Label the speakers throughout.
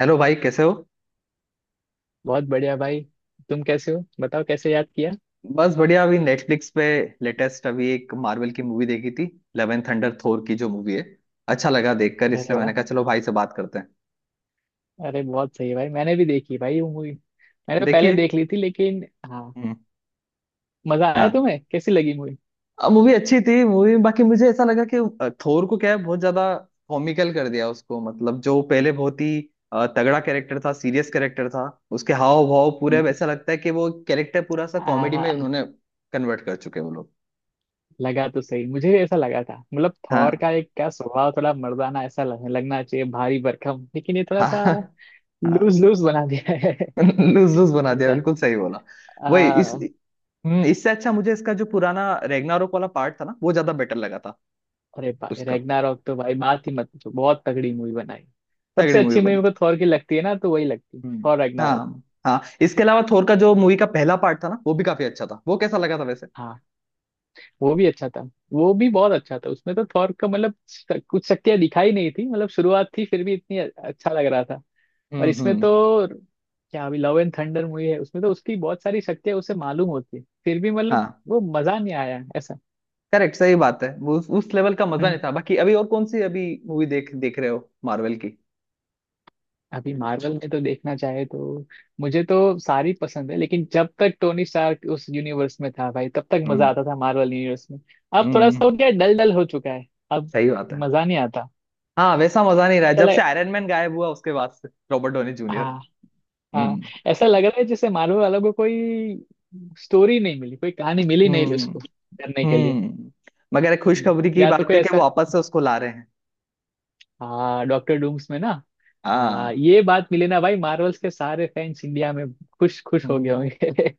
Speaker 1: Hello भाई कैसे हो।
Speaker 2: बहुत बढ़िया भाई। तुम कैसे हो बताओ, कैसे याद किया?
Speaker 1: बस बढ़िया, अभी नेटफ्लिक्स पे लेटेस्ट अभी एक मार्वल की मूवी देखी थी, इलेवन थंडर, थोर की जो मूवी है। अच्छा लगा देखकर,
Speaker 2: अरे
Speaker 1: इसलिए
Speaker 2: वाह,
Speaker 1: मैंने कहा चलो भाई से बात करते हैं।
Speaker 2: अरे बहुत सही भाई, मैंने भी देखी भाई वो मूवी। मैंने तो पहले
Speaker 1: देखिए।
Speaker 2: देख ली थी लेकिन। हाँ,
Speaker 1: हम्म।
Speaker 2: मजा
Speaker 1: हाँ,
Speaker 2: आया, तुम्हें कैसी लगी मूवी?
Speaker 1: मूवी अच्छी थी मूवी, बाकी मुझे ऐसा लगा कि थोर को क्या है बहुत ज्यादा कॉमिकल कर दिया उसको, मतलब जो पहले बहुत ही तगड़ा कैरेक्टर था, सीरियस कैरेक्टर था, उसके हाव भाव पूरे अब ऐसा लगता है कि वो कैरेक्टर पूरा सा कॉमेडी में
Speaker 2: आ,
Speaker 1: उन्होंने कन्वर्ट कर चुके हैं वो लोग।
Speaker 2: लगा, तो सही मुझे भी ऐसा लगा था। मतलब थॉर
Speaker 1: हाँ
Speaker 2: का एक क्या स्वभाव थोड़ा मर्दाना ऐसा लगना चाहिए भारी भरकम, लेकिन ये थोड़ा
Speaker 1: हाँ।
Speaker 2: सा
Speaker 1: हाँ,
Speaker 2: लूज लूज बना दिया है।
Speaker 1: लूज लूज बना दिया,
Speaker 2: ऐसा।
Speaker 1: बिल्कुल सही बोला। वही इस,
Speaker 2: आ,
Speaker 1: इससे अच्छा मुझे इसका जो पुराना रेगनारोक वाला पार्ट था ना वो ज्यादा बेटर लगा था
Speaker 2: अरे भाई
Speaker 1: उसका।
Speaker 2: रैग्नारॉक तो भाई बात ही मत पूछो, बहुत तगड़ी मूवी बनाई। सबसे
Speaker 1: तगड़ी मूवी
Speaker 2: अच्छी मूवी
Speaker 1: बनी
Speaker 2: मेरे
Speaker 1: थी।
Speaker 2: को थॉर की लगती है ना, तो वही लगती है
Speaker 1: हम्म।
Speaker 2: Thor Ragnarok.
Speaker 1: हाँ हाँ, इसके अलावा थोर का जो मूवी का पहला पार्ट था ना, वो भी काफी अच्छा था। वो कैसा लगा था वैसे?
Speaker 2: वो भी अच्छा था, वो भी बहुत अच्छा था। उसमें तो थॉर का मतलब कुछ शक्तियां दिखाई नहीं थी, मतलब शुरुआत थी, फिर भी इतनी अच्छा लग रहा था। और इसमें
Speaker 1: हम्म।
Speaker 2: तो क्या, अभी लव एंड थंडर मूवी है उसमें तो उसकी बहुत सारी शक्तियां उसे मालूम होती है, फिर भी मतलब
Speaker 1: हाँ
Speaker 2: वो मजा नहीं आया ऐसा।
Speaker 1: करेक्ट, सही बात है। वो उस लेवल का मजा नहीं
Speaker 2: हम्म।
Speaker 1: था। बाकी अभी और कौन सी अभी मूवी देख देख रहे हो मार्वल की?
Speaker 2: अभी मार्वल में तो देखना चाहे तो मुझे तो सारी पसंद है, लेकिन जब तक टोनी स्टार्क उस यूनिवर्स में था भाई तब तक मजा
Speaker 1: हम्म
Speaker 2: आता था मार्वल यूनिवर्स में। अब थोड़ा सा
Speaker 1: हम्म।
Speaker 2: हो गया, डल डल हो चुका है। अब
Speaker 1: सही बात है।
Speaker 2: मजा नहीं आता।
Speaker 1: हाँ वैसा मजा नहीं रहा है।
Speaker 2: ऐसा
Speaker 1: जब से
Speaker 2: लग
Speaker 1: आयरन मैन गायब हुआ उसके बाद से, रॉबर्ट डोनी जूनियर।
Speaker 2: हाँ। हाँ,
Speaker 1: हम्म
Speaker 2: ऐसा लग रहा है जैसे मार्वल वालों को कोई स्टोरी नहीं मिली, कोई कहानी मिली नहीं
Speaker 1: हम्म
Speaker 2: उसको करने के लिए।
Speaker 1: हम्म। मगर एक खुशखबरी की
Speaker 2: या तो
Speaker 1: बात
Speaker 2: कोई
Speaker 1: है कि वो
Speaker 2: ऐसा।
Speaker 1: वापस से उसको ला रहे हैं।
Speaker 2: हाँ, डॉक्टर डूम्स में ना। हाँ
Speaker 1: हाँ।
Speaker 2: ये बात मिली ना भाई, मार्वल्स के सारे फैंस इंडिया में खुश खुश हो गए
Speaker 1: हम्म।
Speaker 2: होंगे।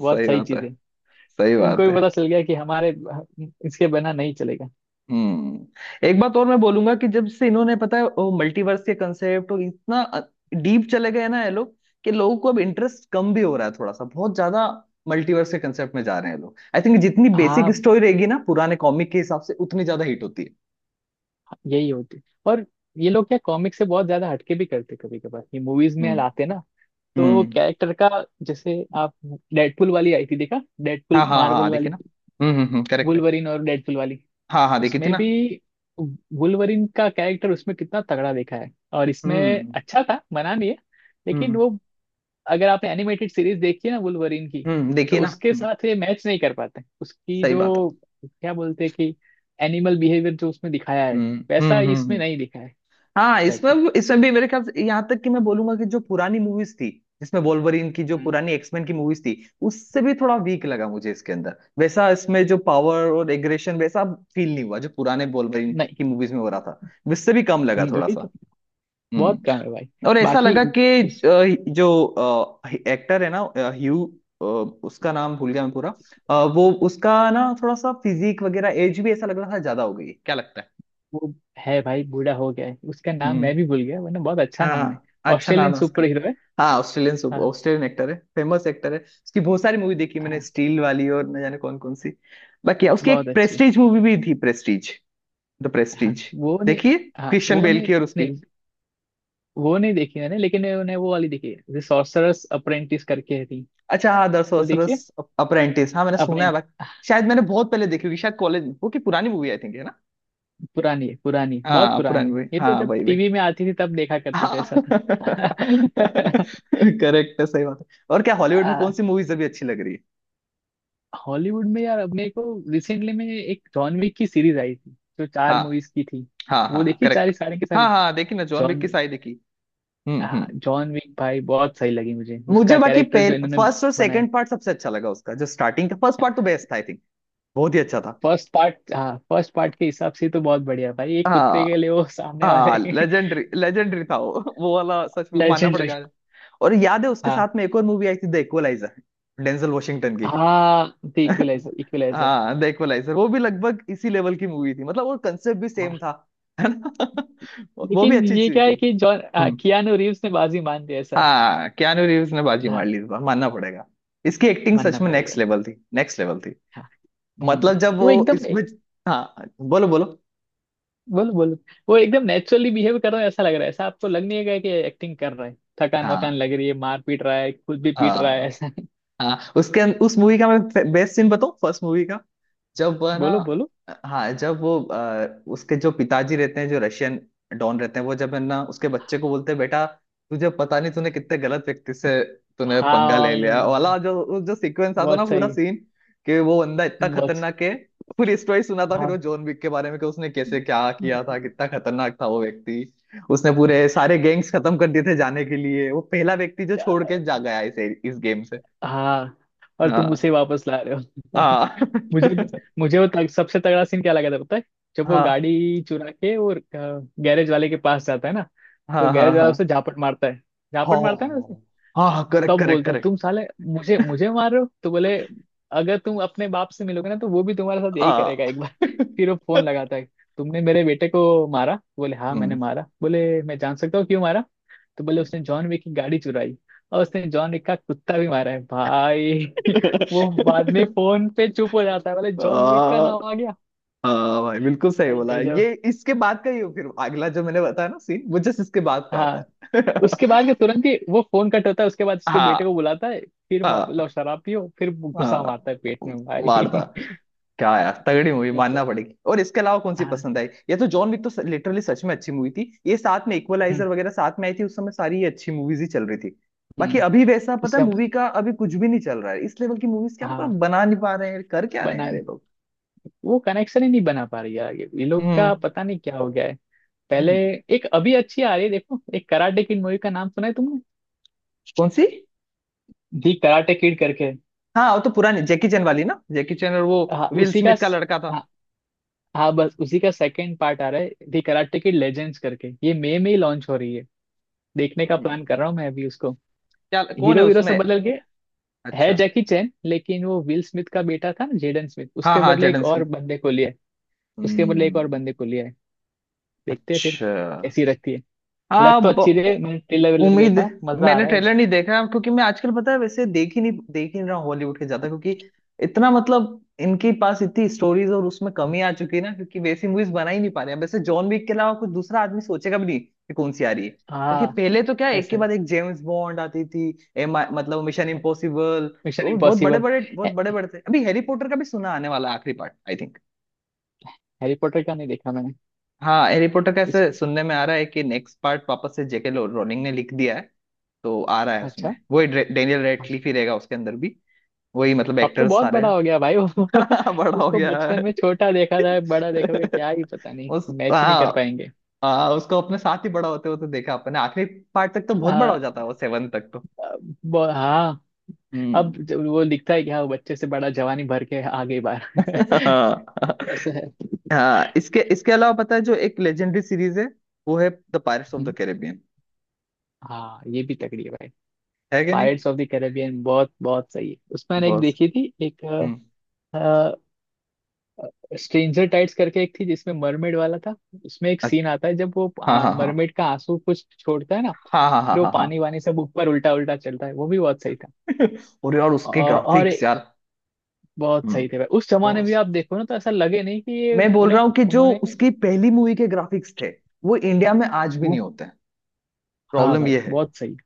Speaker 2: बहुत
Speaker 1: सही
Speaker 2: सही
Speaker 1: बात है।
Speaker 2: चीज है।
Speaker 1: सही बात
Speaker 2: उनको भी
Speaker 1: है।
Speaker 2: पता चल गया कि हमारे इसके बिना नहीं चलेगा।
Speaker 1: हम्म, एक बात और मैं बोलूंगा कि जब से इन्होंने, पता है, वो मल्टीवर्स के कंसेप्ट और इतना डीप चले गए हैं ना ये लोग, कि लोगों को अब इंटरेस्ट कम भी हो रहा है थोड़ा सा। बहुत ज्यादा मल्टीवर्स के कंसेप्ट में जा रहे हैं लोग। आई थिंक जितनी बेसिक
Speaker 2: हाँ,
Speaker 1: स्टोरी रहेगी ना, पुराने कॉमिक के हिसाब से, उतनी ज्यादा हिट होती है।
Speaker 2: यही होती। और ये लोग क्या कॉमिक से बहुत ज्यादा हटके भी करते कभी कभार, ये मूवीज में
Speaker 1: हम्म
Speaker 2: लाते ना तो
Speaker 1: हम्म।
Speaker 2: कैरेक्टर का। जैसे आप डेडपुल वाली आई थी, देखा
Speaker 1: हाँ
Speaker 2: डेडपुल
Speaker 1: हाँ हाँ,
Speaker 2: मार्वल
Speaker 1: देखिए ना।
Speaker 2: वाली,
Speaker 1: हम्म, करेक्ट है।
Speaker 2: वुल्वरिन और डेडपुल वाली,
Speaker 1: हाँ हाँ, देखी थी
Speaker 2: उसमें भी
Speaker 1: ना।
Speaker 2: वुल्वरिन का कैरेक्टर उसमें कितना तगड़ा देखा है, और इसमें
Speaker 1: हम्म
Speaker 2: अच्छा था, मना नहीं है लेकिन
Speaker 1: हम्म
Speaker 2: वो, अगर आपने एनिमेटेड सीरीज देखी है ना वुल्वरिन की,
Speaker 1: हम्म,
Speaker 2: तो
Speaker 1: देखिए ना।
Speaker 2: उसके साथ ये मैच नहीं कर पाते। उसकी
Speaker 1: सही बात
Speaker 2: जो
Speaker 1: है।
Speaker 2: क्या बोलते हैं कि एनिमल बिहेवियर जो उसमें दिखाया है,
Speaker 1: हम्म हम्म
Speaker 2: वैसा
Speaker 1: हम्म
Speaker 2: इसमें
Speaker 1: हम्म।
Speaker 2: नहीं दिखा है
Speaker 1: हाँ,
Speaker 2: इस टाइप का।
Speaker 1: इसमें इसमें भी मेरे ख्याल से, यहाँ तक कि मैं बोलूंगा कि जो पुरानी मूवीज थी, जिसमें वोल्वरिन की जो
Speaker 2: हम्म।
Speaker 1: पुरानी एक्समैन की मूवीज थी, उससे भी थोड़ा वीक लगा मुझे इसके अंदर। वैसा इसमें जो पावर और एग्रेशन, वैसा फील नहीं हुआ जो पुराने वोल्वरिन
Speaker 2: नहीं।
Speaker 1: की मूवीज में हो रहा था। उससे भी कम लगा थोड़ा
Speaker 2: वही तो
Speaker 1: सा।
Speaker 2: बहुत कम
Speaker 1: हम्म।
Speaker 2: है भाई।
Speaker 1: और ऐसा
Speaker 2: बाकी
Speaker 1: लगा कि जो एक्टर है ना, ह्यू, अ, उसका नाम भूल गया मैं पूरा। वो उसका ना थोड़ा सा फिजिक वगैरह एज भी ऐसा लग रहा था ज्यादा हो गई है। क्या लगता है?
Speaker 2: वो है भाई, बूढ़ा हो गया है। उसका नाम
Speaker 1: हम्म।
Speaker 2: मैं भी भूल गया, वरना बहुत अच्छा नाम है।
Speaker 1: हाँ, अच्छा नाम
Speaker 2: ऑस्ट्रेलियन
Speaker 1: है उसका।
Speaker 2: सुपर हीरो है।
Speaker 1: हाँ, ऑस्ट्रेलियन
Speaker 2: हाँ
Speaker 1: ऑस्ट्रेलियन एक्टर है, फेमस एक्टर है। उसकी बहुत सारी मूवी देखी मैंने,
Speaker 2: हाँ,
Speaker 1: स्टील वाली और न जाने कौन कौन सी। बाकी उसकी
Speaker 2: बहुत
Speaker 1: एक
Speaker 2: अच्छी।
Speaker 1: प्रेस्टीज मूवी भी थी, प्रेस्टीज, द
Speaker 2: हाँ
Speaker 1: प्रेस्टीज।
Speaker 2: वो ने,
Speaker 1: देखिए,
Speaker 2: हाँ
Speaker 1: क्रिश्चियन
Speaker 2: वो
Speaker 1: बेल
Speaker 2: ने,
Speaker 1: की और उसकी।
Speaker 2: नहीं, वो नहीं देखी मैंने, लेकिन मैंने वो वाली देखी है सॉर्सरर्स अप्रेंटिस करके है थी।
Speaker 1: अच्छा हाँ, द
Speaker 2: वो देखिए।
Speaker 1: सोर्सरर्स अप्रेंटिस, हाँ मैंने सुना है।
Speaker 2: अप्रेंट
Speaker 1: बाकी शायद मैंने बहुत पहले देखी होगी, शायद कॉलेज, वो की पुरानी मूवी आई थिंक है ना।
Speaker 2: पुरानी है, पुरानी बहुत
Speaker 1: हाँ पुरानी
Speaker 2: पुरानी।
Speaker 1: मूवी,
Speaker 2: ये
Speaker 1: हाँ
Speaker 2: तो जब
Speaker 1: वही वही।
Speaker 2: टीवी में आती थी तब देखा करते थे
Speaker 1: हाँ
Speaker 2: ऐसा था।
Speaker 1: करेक्ट है, सही बात है। और क्या हॉलीवुड में कौन
Speaker 2: आ,
Speaker 1: सी मूवीज अभी अच्छी लग रही है?
Speaker 2: हॉलीवुड में यार अपने को रिसेंटली में एक जॉन विक की सीरीज आई थी, जो चार
Speaker 1: हाँ
Speaker 2: मूवीज की थी।
Speaker 1: हाँ हाँ
Speaker 2: वो
Speaker 1: हाँ,
Speaker 2: देखी
Speaker 1: करेक्ट।
Speaker 2: चार सारे के
Speaker 1: हाँ
Speaker 2: सारे।
Speaker 1: हाँ देखी ना, जॉन विक
Speaker 2: जॉन,
Speaker 1: की सारी देखी।
Speaker 2: हाँ
Speaker 1: हम्म।
Speaker 2: जॉन विक भाई, बहुत सही लगी मुझे।
Speaker 1: मुझे
Speaker 2: उसका
Speaker 1: बाकी
Speaker 2: कैरेक्टर जो
Speaker 1: पहले
Speaker 2: इन्होंने
Speaker 1: फर्स्ट और
Speaker 2: बनाया।
Speaker 1: सेकंड पार्ट सबसे अच्छा लगा उसका। जो स्टार्टिंग का फर्स्ट पार्ट तो बेस्ट था, आई थिंक बहुत ही अच्छा था।
Speaker 2: फर्स्ट पार्ट, हाँ फर्स्ट पार्ट के हिसाब से तो बहुत बढ़िया भाई, एक कुत्ते के
Speaker 1: हाँ।
Speaker 2: लिए वो सामने वाले।
Speaker 1: हाँ लेजेंडरी, लेजेंडरी था वो वो वाला सच में मानना
Speaker 2: लेजेंडरी।
Speaker 1: पड़ेगा। और याद है उसके
Speaker 2: हाँ
Speaker 1: साथ में एक और मूवी आई थी, द इक्वलाइजर, डेंजल वॉशिंगटन की।
Speaker 2: हाँ, द इक्विलाइजर, इक्विलाइजर।
Speaker 1: हाँ द इक्वलाइजर, वो भी लगभग इसी लेवल की मूवी थी। मतलब वो कंसेप्ट भी सेम
Speaker 2: हाँ,
Speaker 1: था, है ना वो भी
Speaker 2: लेकिन
Speaker 1: अच्छी
Speaker 2: ये
Speaker 1: चीज
Speaker 2: क्या है
Speaker 1: थी।
Speaker 2: कि जॉन,
Speaker 1: हम्म।
Speaker 2: कियानो रीव्स ने बाजी मान दी ऐसा है।
Speaker 1: हाँ, कियानू रीव्स ने बाजी मार
Speaker 2: हाँ,
Speaker 1: ली इस बार, मानना पड़ेगा। इसकी एक्टिंग सच
Speaker 2: मानना
Speaker 1: में
Speaker 2: पड़ेगा।
Speaker 1: नेक्स्ट लेवल थी, नेक्स्ट लेवल थी।
Speaker 2: हाँ। हम्म,
Speaker 1: मतलब जब
Speaker 2: वो
Speaker 1: वो
Speaker 2: एकदम।
Speaker 1: इसमें, हाँ बोलो बोलो।
Speaker 2: बोलो बोलो, वो एकदम नेचुरली बिहेव कर रहा है ऐसा लग रहा है। ऐसा आपको लग नहीं है कि एक्टिंग कर रहा है? थकान वकान
Speaker 1: हाँ
Speaker 2: लग रही है, मार पीट रहा है, खुद भी पीट रहा है
Speaker 1: हाँ
Speaker 2: ऐसा।
Speaker 1: हाँ, उसके उस मूवी का मैं बेस्ट सीन बताऊं, फर्स्ट मूवी का। जब वह ना,
Speaker 2: बोलो बोलो।
Speaker 1: हाँ, जब वो उसके जो पिताजी रहते हैं, जो रशियन डॉन रहते हैं, वो जब है ना उसके बच्चे को बोलते हैं बेटा, तुझे पता नहीं तूने कितने गलत व्यक्ति से, तूने
Speaker 2: हाँ
Speaker 1: पंगा ले लिया,
Speaker 2: हाँ,
Speaker 1: वाला
Speaker 2: हाँ,
Speaker 1: जो वो जो सीक्वेंस आता ना,
Speaker 2: बहुत
Speaker 1: पूरा
Speaker 2: सही,
Speaker 1: सीन कि वो बंदा इतना
Speaker 2: बहुत,
Speaker 1: खतरनाक है। पूरी स्टोरी सुना था फिर वो,
Speaker 2: हाँ
Speaker 1: जॉन विक के बारे में कि उसने कैसे क्या किया था, कितना खतरनाक था वो व्यक्ति। उसने पूरे सारे गैंग्स खत्म कर दिए थे जाने के लिए, वो पहला व्यक्ति जो छोड़ के जा गया इस गेम से।
Speaker 2: हाँ। और तुम
Speaker 1: हाँ
Speaker 2: उसे वापस ला रहे हो?
Speaker 1: हाँ
Speaker 2: मुझे मुझे सबसे तगड़ा सीन क्या लगा था पता है? जब वो
Speaker 1: हाँ
Speaker 2: गाड़ी चुरा के वो गैरेज वाले के पास जाता है ना, तो
Speaker 1: हाँ हाँ
Speaker 2: गैरेज वाला
Speaker 1: हाँ
Speaker 2: उसे झापट मारता है,
Speaker 1: हाँ।
Speaker 2: झापट मारता है ना।
Speaker 1: हाँ हाँ करेक्ट
Speaker 2: कब
Speaker 1: करेक्ट
Speaker 2: बोलता है
Speaker 1: करेक्ट।
Speaker 2: तुम साले मुझे मुझे मार रहे हो, तो बोले अगर तुम अपने बाप से मिलोगे ना तो वो भी तुम्हारे साथ
Speaker 1: आ।
Speaker 2: यही करेगा एक बार। फिर वो फोन लगाता है, तुमने मेरे बेटे को मारा, बोले हाँ मैंने
Speaker 1: हम्म
Speaker 2: मारा, बोले मैं जान सकता हूँ क्यों मारा, तो बोले
Speaker 1: हम्म।
Speaker 2: उसने जॉन विक की गाड़ी चुराई, और उसने जॉन विक का कुत्ता भी मारा है भाई। वो बाद में फोन पे चुप हो जाता है, बोले
Speaker 1: आ,
Speaker 2: जॉन विक का नाम आ गया।
Speaker 1: भाई बिल्कुल सही
Speaker 2: भाई
Speaker 1: बोला है,
Speaker 2: गजब।
Speaker 1: ये इसके बाद का ही हो, फिर अगला जो मैंने बताया ना सीन, वो जस्ट इसके बाद का आता
Speaker 2: हाँ,
Speaker 1: है।
Speaker 2: उसके बाद के तुरंत ही वो फोन कट होता है, उसके बाद उसके बेटे को
Speaker 1: हाँ
Speaker 2: बुलाता है। फिर लो
Speaker 1: हाँ
Speaker 2: शराब पियो, फिर गुस्सा
Speaker 1: हाँ।
Speaker 2: मारता है पेट में
Speaker 1: मारदा,
Speaker 2: भाई।
Speaker 1: क्या यार तगड़ी मूवी,
Speaker 2: बहुत
Speaker 1: मानना
Speaker 2: सही।
Speaker 1: पड़ेगी। और इसके अलावा कौन सी
Speaker 2: हाँ।
Speaker 1: पसंद आई? ये तो जॉन विक तो लिटरली सच में अच्छी मूवी थी। ये साथ में
Speaker 2: हम्म।
Speaker 1: इक्वलाइजर वगैरह साथ में आई थी उस समय, सारी ये अच्छी मूवीज ही चल रही थी। बाकी
Speaker 2: हम्म।
Speaker 1: अभी वैसा, पता
Speaker 2: उसे
Speaker 1: है,
Speaker 2: हम,
Speaker 1: मूवी का अभी कुछ भी नहीं चल रहा है, इस लेवल की मूवीज। क्या पता
Speaker 2: हाँ
Speaker 1: बना नहीं पा रहे हैं, कर क्या रहे हैं
Speaker 2: बना,
Speaker 1: अरे लोग।
Speaker 2: वो कनेक्शन ही नहीं बना पा रही यार ये लोग
Speaker 1: हम्म
Speaker 2: का पता नहीं क्या हो गया है। पहले
Speaker 1: हम्म।
Speaker 2: एक अभी अच्छी आ रही है, देखो एक कराटे किड मूवी का नाम सुना है तुमने?
Speaker 1: कौन सी?
Speaker 2: दी कराटे किड करके।
Speaker 1: हाँ, वो तो पुरानी जैकी चैन वाली ना, जैकी चैन और वो
Speaker 2: हाँ
Speaker 1: विल स्मिथ का लड़का था।
Speaker 2: हाँ हाँ, बस उसी का सेकंड पार्ट आ रहा है, दी कराटे किड लेजेंड्स करके, ये मई में ही लॉन्च हो रही है। देखने का
Speaker 1: हम्म।
Speaker 2: प्लान कर रहा हूँ मैं अभी उसको।
Speaker 1: क्या, कौन है
Speaker 2: हीरो वीरो
Speaker 1: उसमें?
Speaker 2: सब बदल गए है,
Speaker 1: अच्छा।
Speaker 2: जैकी चैन लेकिन वो विल स्मिथ का बेटा था ना, जेडन स्मिथ,
Speaker 1: हाँ
Speaker 2: उसके
Speaker 1: हाँ,
Speaker 2: बदले
Speaker 1: जेडन
Speaker 2: एक और
Speaker 1: स्मिथ।
Speaker 2: बंदे को लिया है। उसके बदले एक और
Speaker 1: हम्म।
Speaker 2: बंदे को लिया है, देखते हैं फिर
Speaker 1: अच्छा।
Speaker 2: कैसी रहती है। लग
Speaker 1: हाँ
Speaker 2: तो अच्छी रही है, मैंने ट्रेलर वेलर
Speaker 1: उम्मीद,
Speaker 2: देखा, मजा आ
Speaker 1: मैंने
Speaker 2: रहा है।
Speaker 1: ट्रेलर नहीं देखा, क्योंकि मैं आजकल, पता है वैसे, देख ही नहीं रहा हूँ हॉलीवुड के ज्यादा, क्योंकि इतना, मतलब इनके पास इतनी स्टोरीज और उसमें कमी आ चुकी है ना, क्योंकि वैसी मूवीज बना ही नहीं पा रहे हैं। वैसे जॉन विक के अलावा कुछ दूसरा आदमी सोचेगा भी नहीं कि कौन सी आ रही है। क्योंकि
Speaker 2: हाँ,
Speaker 1: पहले तो क्या, एक के
Speaker 2: ऐसा है।
Speaker 1: बाद एक जेम्स बॉन्ड आती थी, एम मतलब मिशन इम्पॉसिबल,
Speaker 2: मिशन
Speaker 1: वो बहुत बड़े
Speaker 2: इम्पॉसिबल।
Speaker 1: बड़े, बहुत बड़े बड़े थे। अभी हैरी पॉटर का भी सुना आने वाला है आखिरी part, I think.
Speaker 2: Harry Potter का नहीं देखा मैंने।
Speaker 1: हाँ हैरी पॉटर का
Speaker 2: उस,
Speaker 1: ऐसे सुनने में आ रहा है कि नेक्स्ट पार्ट वापस से जेके रोलिंग ने लिख दिया है, तो आ रहा है। उसमें
Speaker 2: अच्छा,
Speaker 1: वही डेनियल रेडक्लिफ ही रहेगा उसके अंदर भी, वही मतलब
Speaker 2: अब तो
Speaker 1: एक्टर्स
Speaker 2: बहुत
Speaker 1: सारे
Speaker 2: बड़ा हो गया भाई वो।
Speaker 1: हैं। बड़ा हो
Speaker 2: उसको
Speaker 1: गया
Speaker 2: बचपन
Speaker 1: है।
Speaker 2: में छोटा देखा था, बड़ा देखा हुआ क्या ही, पता नहीं
Speaker 1: उस,
Speaker 2: मैच ही नहीं
Speaker 1: हाँ
Speaker 2: कर पाएंगे।
Speaker 1: हाँ, उसको अपने साथ ही बड़ा होते होते देखा अपने। आखिरी पार्ट तक तो बहुत बड़ा हो जाता
Speaker 2: हाँ
Speaker 1: है वो, 7 तक तो।
Speaker 2: हाँ, अब
Speaker 1: हम्म
Speaker 2: जब वो दिखता है कि हाँ वो बच्चे से बड़ा जवानी भर के आगे बार।
Speaker 1: हाँ
Speaker 2: ऐसा है।
Speaker 1: हाँ, इसके इसके अलावा पता है जो एक लेजेंडरी सीरीज है, वो है द पायरेट्स ऑफ द
Speaker 2: हम्म,
Speaker 1: कैरेबियन,
Speaker 2: हाँ ये भी तगड़ी है भाई।
Speaker 1: है कि नहीं।
Speaker 2: पायरेट्स ऑफ द कैरेबियन बहुत बहुत सही है। उसमें मैंने एक
Speaker 1: बस।
Speaker 2: देखी थी, एक
Speaker 1: हम्म।
Speaker 2: स्ट्रेंजर टाइट्स करके एक थी जिसमें मरमेड वाला था। उसमें एक
Speaker 1: अच्छ-
Speaker 2: सीन आता है जब वो
Speaker 1: हाँ हाँ हाँ
Speaker 2: मरमेड का आंसू कुछ छोड़ता है ना,
Speaker 1: हाँ हाँ हाँ
Speaker 2: फिर वो
Speaker 1: हाँ
Speaker 2: पानी
Speaker 1: हाँ
Speaker 2: वानी सब ऊपर उल्टा उल्टा चलता है, वो भी बहुत सही था।
Speaker 1: और यार उसके
Speaker 2: और और
Speaker 1: ग्राफिक्स
Speaker 2: एक-
Speaker 1: यार।
Speaker 2: बहुत
Speaker 1: हम्म।
Speaker 2: सही थे भाई, उस जमाने में
Speaker 1: बॉस
Speaker 2: आप देखो ना तो ऐसा लगे नहीं कि ये
Speaker 1: मैं बोल रहा हूँ
Speaker 2: मतलब
Speaker 1: कि जो
Speaker 2: उन्होंने,
Speaker 1: उसकी पहली मूवी के ग्राफिक्स थे, वो इंडिया में आज भी नहीं
Speaker 2: वो
Speaker 1: होते हैं,
Speaker 2: हाँ
Speaker 1: प्रॉब्लम
Speaker 2: भाई
Speaker 1: ये है।
Speaker 2: बहुत सही।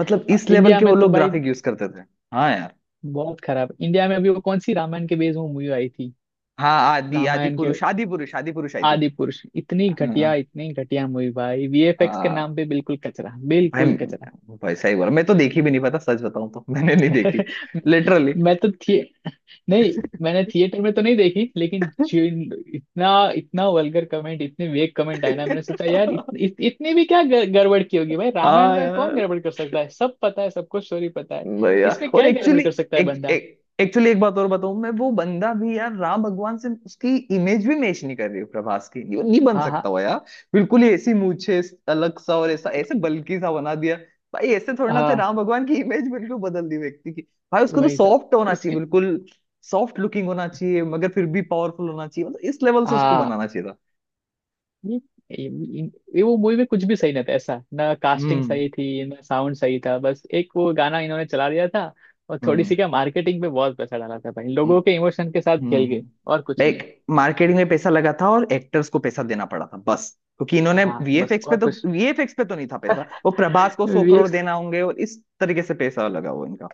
Speaker 1: मतलब इस लेवल
Speaker 2: इंडिया
Speaker 1: के वो
Speaker 2: में तो
Speaker 1: लोग
Speaker 2: भाई
Speaker 1: ग्राफिक यूज करते थे। हाँ यार।
Speaker 2: बहुत खराब। इंडिया में अभी वो कौन सी रामायण के बेस में मूवी आई थी,
Speaker 1: हाँ, आदि आदि
Speaker 2: रामायण के,
Speaker 1: पुरुष आदि पुरुष आदि पुरुष आई थी।
Speaker 2: आदि पुरुष इतनी
Speaker 1: हाँ,
Speaker 2: घटिया,
Speaker 1: हाँ।
Speaker 2: इतनी घटिया मूवी भाई, वीएफएक्स के
Speaker 1: आ,
Speaker 2: नाम पे बिल्कुल कचरा,
Speaker 1: भाई,
Speaker 2: बिल्कुल कचरा।
Speaker 1: भाई सही बोला, मैं तो देखी भी नहीं, पता सच बताऊं तो मैंने नहीं देखी लिटरली।
Speaker 2: मैं तो थिए नहीं, मैंने थिएटर में तो नहीं देखी, लेकिन जिन, इतना, इतना वल्गर कमेंट, इतने वेक कमेंट आए ना, मैंने सोचा यार इत, इत, इतनी भी क्या गड़बड़ की होगी भाई। रामायण
Speaker 1: हाँ
Speaker 2: में कौन
Speaker 1: यार,
Speaker 2: गड़बड़ कर सकता है, सब पता है सबको, स्टोरी पता है,
Speaker 1: भाई यार।
Speaker 2: इसमें
Speaker 1: और
Speaker 2: क्या ही गड़बड़
Speaker 1: एक्चुअली,
Speaker 2: कर सकता है
Speaker 1: एक
Speaker 2: बंदा?
Speaker 1: एक एक्चुअली एक बात और बताऊं मैं, वो बंदा भी यार राम भगवान से उसकी इमेज भी मैच नहीं कर रही है, प्रभास की ये नहीं बन
Speaker 2: हाँ
Speaker 1: सकता
Speaker 2: हाँ
Speaker 1: हुआ यार। बिल्कुल ही ऐसी मूछे अलग सा, और ऐसा ऐसे बल्कि सा बना दिया। भाई ऐसे थोड़ी ना थे
Speaker 2: हाँ,
Speaker 1: राम भगवान, की इमेज बिल्कुल बदल दी व्यक्ति की। भाई उसको तो
Speaker 2: वही तो।
Speaker 1: सॉफ्ट होना चाहिए
Speaker 2: इसके,
Speaker 1: बिल्कुल, सॉफ्ट लुकिंग होना चाहिए, मगर फिर भी पावरफुल होना चाहिए, मतलब इस लेवल से उसको
Speaker 2: हाँ
Speaker 1: बनाना चाहिए था।
Speaker 2: ये- वो मूवी में कुछ भी सही नहीं था। ऐसा ना कास्टिंग
Speaker 1: हम्म
Speaker 2: सही थी, ना साउंड सही था, बस एक वो गाना इन्होंने चला दिया था और थोड़ी सी क्या मार्केटिंग पे बहुत पैसा डाला था भाई,
Speaker 1: हम्म
Speaker 2: लोगों के इमोशन के साथ खेल
Speaker 1: हम्म।
Speaker 2: गए और कुछ
Speaker 1: लाइक
Speaker 2: नहीं।
Speaker 1: मार्केटिंग में पैसा लगा था और एक्टर्स को पैसा देना पड़ा था बस। क्योंकि इन्होंने
Speaker 2: हाँ बस
Speaker 1: वीएफएक्स पे
Speaker 2: और
Speaker 1: तो
Speaker 2: कुछ,
Speaker 1: वीएफएक्स पे तो नहीं था पैसा, वो प्रभास को 100 करोड़
Speaker 2: वीएक्स
Speaker 1: देना होंगे, और इस तरीके से पैसा लगा वो इनका।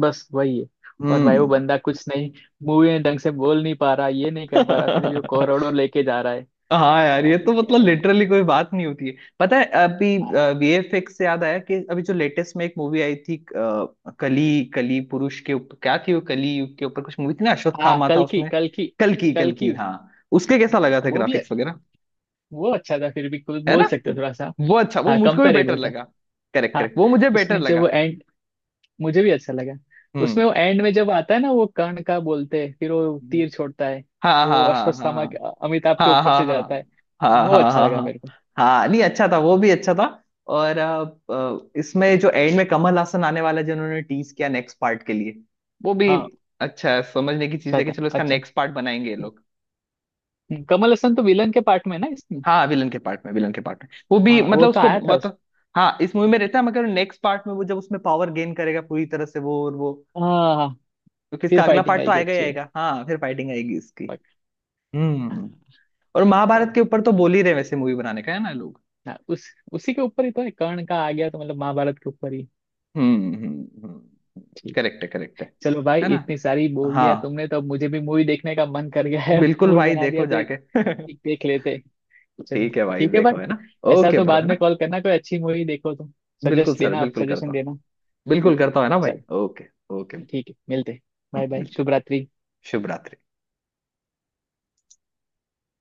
Speaker 2: बस वही है। और भाई वो
Speaker 1: हम्म
Speaker 2: बंदा कुछ नहीं, मूवी में ढंग से बोल नहीं पा रहा, ये नहीं कर पा रहा, फिर भी वो करोड़ों लेके जा रहा है।
Speaker 1: हाँ यार ये
Speaker 2: भाई
Speaker 1: तो
Speaker 2: क्या
Speaker 1: मतलब
Speaker 2: है?
Speaker 1: लिटरली कोई बात नहीं होती है। पता है अभी,
Speaker 2: हाँ
Speaker 1: वीएफएक्स से याद आया कि अभी जो लेटेस्ट में एक मूवी आई थी, कली कली पुरुष के ऊपर, क्या थी वो, कली युग के ऊपर कुछ मूवी थी ना,
Speaker 2: हाँ,
Speaker 1: अश्वत्थामा था
Speaker 2: कल की
Speaker 1: उसमें।
Speaker 2: कल की
Speaker 1: कल की कल
Speaker 2: कल की।
Speaker 1: की हाँ। उसके कैसा लगा था
Speaker 2: वो भी है,
Speaker 1: ग्राफिक्स वगैरह?
Speaker 2: वो अच्छा था, फिर भी कुछ
Speaker 1: है
Speaker 2: बोल
Speaker 1: ना,
Speaker 2: सकते हो थोड़ा सा।
Speaker 1: वो अच्छा, वो
Speaker 2: हाँ,
Speaker 1: मुझको भी बेटर
Speaker 2: कंपेरेबल था।
Speaker 1: लगा। करेक्ट
Speaker 2: हाँ,
Speaker 1: करेक्ट, वो मुझे बेटर
Speaker 2: उसमें जब वो
Speaker 1: लगा।
Speaker 2: एंड, मुझे भी अच्छा लगा। उसमें
Speaker 1: हम्म
Speaker 2: वो एंड में जब आता है ना वो कर्ण का बोलते हैं, फिर वो
Speaker 1: हम्म।
Speaker 2: तीर छोड़ता है,
Speaker 1: हाँ
Speaker 2: वो
Speaker 1: हाँ हाँ
Speaker 2: अश्वत्थामा के, अमिताभ के
Speaker 1: हाँ हाँ
Speaker 2: ऊपर
Speaker 1: हाँ
Speaker 2: से
Speaker 1: हाँ
Speaker 2: जाता है,
Speaker 1: हाँ
Speaker 2: वो
Speaker 1: हाँ
Speaker 2: अच्छा
Speaker 1: हाँ
Speaker 2: लगा
Speaker 1: हाँ।
Speaker 2: मेरे को।
Speaker 1: हाँ, नहीं अच्छा था, वो भी अच्छा था। और इसमें जो एंड में कमल हासन आने वाला है, जिन्होंने टीज किया नेक्स्ट पार्ट के लिए, वो भी
Speaker 2: हाँ
Speaker 1: अच्छा है, समझने की चीज
Speaker 2: अच्छा
Speaker 1: है कि
Speaker 2: था,
Speaker 1: चलो इसका
Speaker 2: अच्छा।
Speaker 1: नेक्स्ट पार्ट बनाएंगे ये लोग।
Speaker 2: कमल हसन तो विलन के पार्ट में है ना इसमें।
Speaker 1: हाँ विलन के पार्ट में, विलन के पार्ट में वो भी,
Speaker 2: हाँ वो
Speaker 1: मतलब
Speaker 2: तो
Speaker 1: उसको
Speaker 2: आया था
Speaker 1: बता,
Speaker 2: उसमें।
Speaker 1: हाँ इस मूवी में रहता है, मगर नेक्स्ट पार्ट में वो जब उसमें पावर गेन करेगा पूरी तरह से, वो और वो,
Speaker 2: हाँ हाँ,
Speaker 1: क्योंकि इसका
Speaker 2: फिर
Speaker 1: अगला
Speaker 2: फाइटिंग
Speaker 1: पार्ट तो
Speaker 2: आएगी,
Speaker 1: आएगा ही
Speaker 2: अच्छी है।
Speaker 1: आएगा, हाँ फिर फाइटिंग आएगी इसकी।
Speaker 2: पक-, हाँ,
Speaker 1: हम्म। और महाभारत
Speaker 2: चलो।
Speaker 1: के ऊपर तो बोल ही रहे वैसे मूवी बनाने का, है ना लोग।
Speaker 2: हाँ उस, उसी के ऊपर ही तो है, कर्ण का आ गया तो मतलब महाभारत के ऊपर ही।
Speaker 1: हम्म हम्म हम्म।
Speaker 2: ठीक है।
Speaker 1: करेक्ट है, करेक्ट है।
Speaker 2: चलो भाई
Speaker 1: है ना,
Speaker 2: इतनी सारी बोल दिया
Speaker 1: हाँ,
Speaker 2: तुमने तो अब मुझे भी मूवी देखने का मन कर गया है।
Speaker 1: बिल्कुल
Speaker 2: मूड
Speaker 1: भाई
Speaker 2: बना दिया
Speaker 1: देखो
Speaker 2: तो एक,
Speaker 1: जाके।
Speaker 2: ठीक देख लेते, चलो।
Speaker 1: ठीक है भाई
Speaker 2: ठीक है
Speaker 1: देखो है
Speaker 2: भाई,
Speaker 1: ना।
Speaker 2: ऐसा
Speaker 1: ओके
Speaker 2: तो
Speaker 1: ब्रो
Speaker 2: बाद
Speaker 1: है ना।
Speaker 2: में कॉल करना कोई अच्छी मूवी देखो तो,
Speaker 1: बिल्कुल
Speaker 2: सजेस्ट
Speaker 1: सर,
Speaker 2: देना, आप
Speaker 1: बिल्कुल
Speaker 2: सजेशन
Speaker 1: करता हूँ,
Speaker 2: देना। ठीक है,
Speaker 1: बिल्कुल करता हूँ, है ना भाई,
Speaker 2: चलो।
Speaker 1: ओके। ओके।
Speaker 2: ठीक है मिलते, बाय बाय,
Speaker 1: मिलते हैं।
Speaker 2: शुभ रात्रि।
Speaker 1: शुभ रात्रि।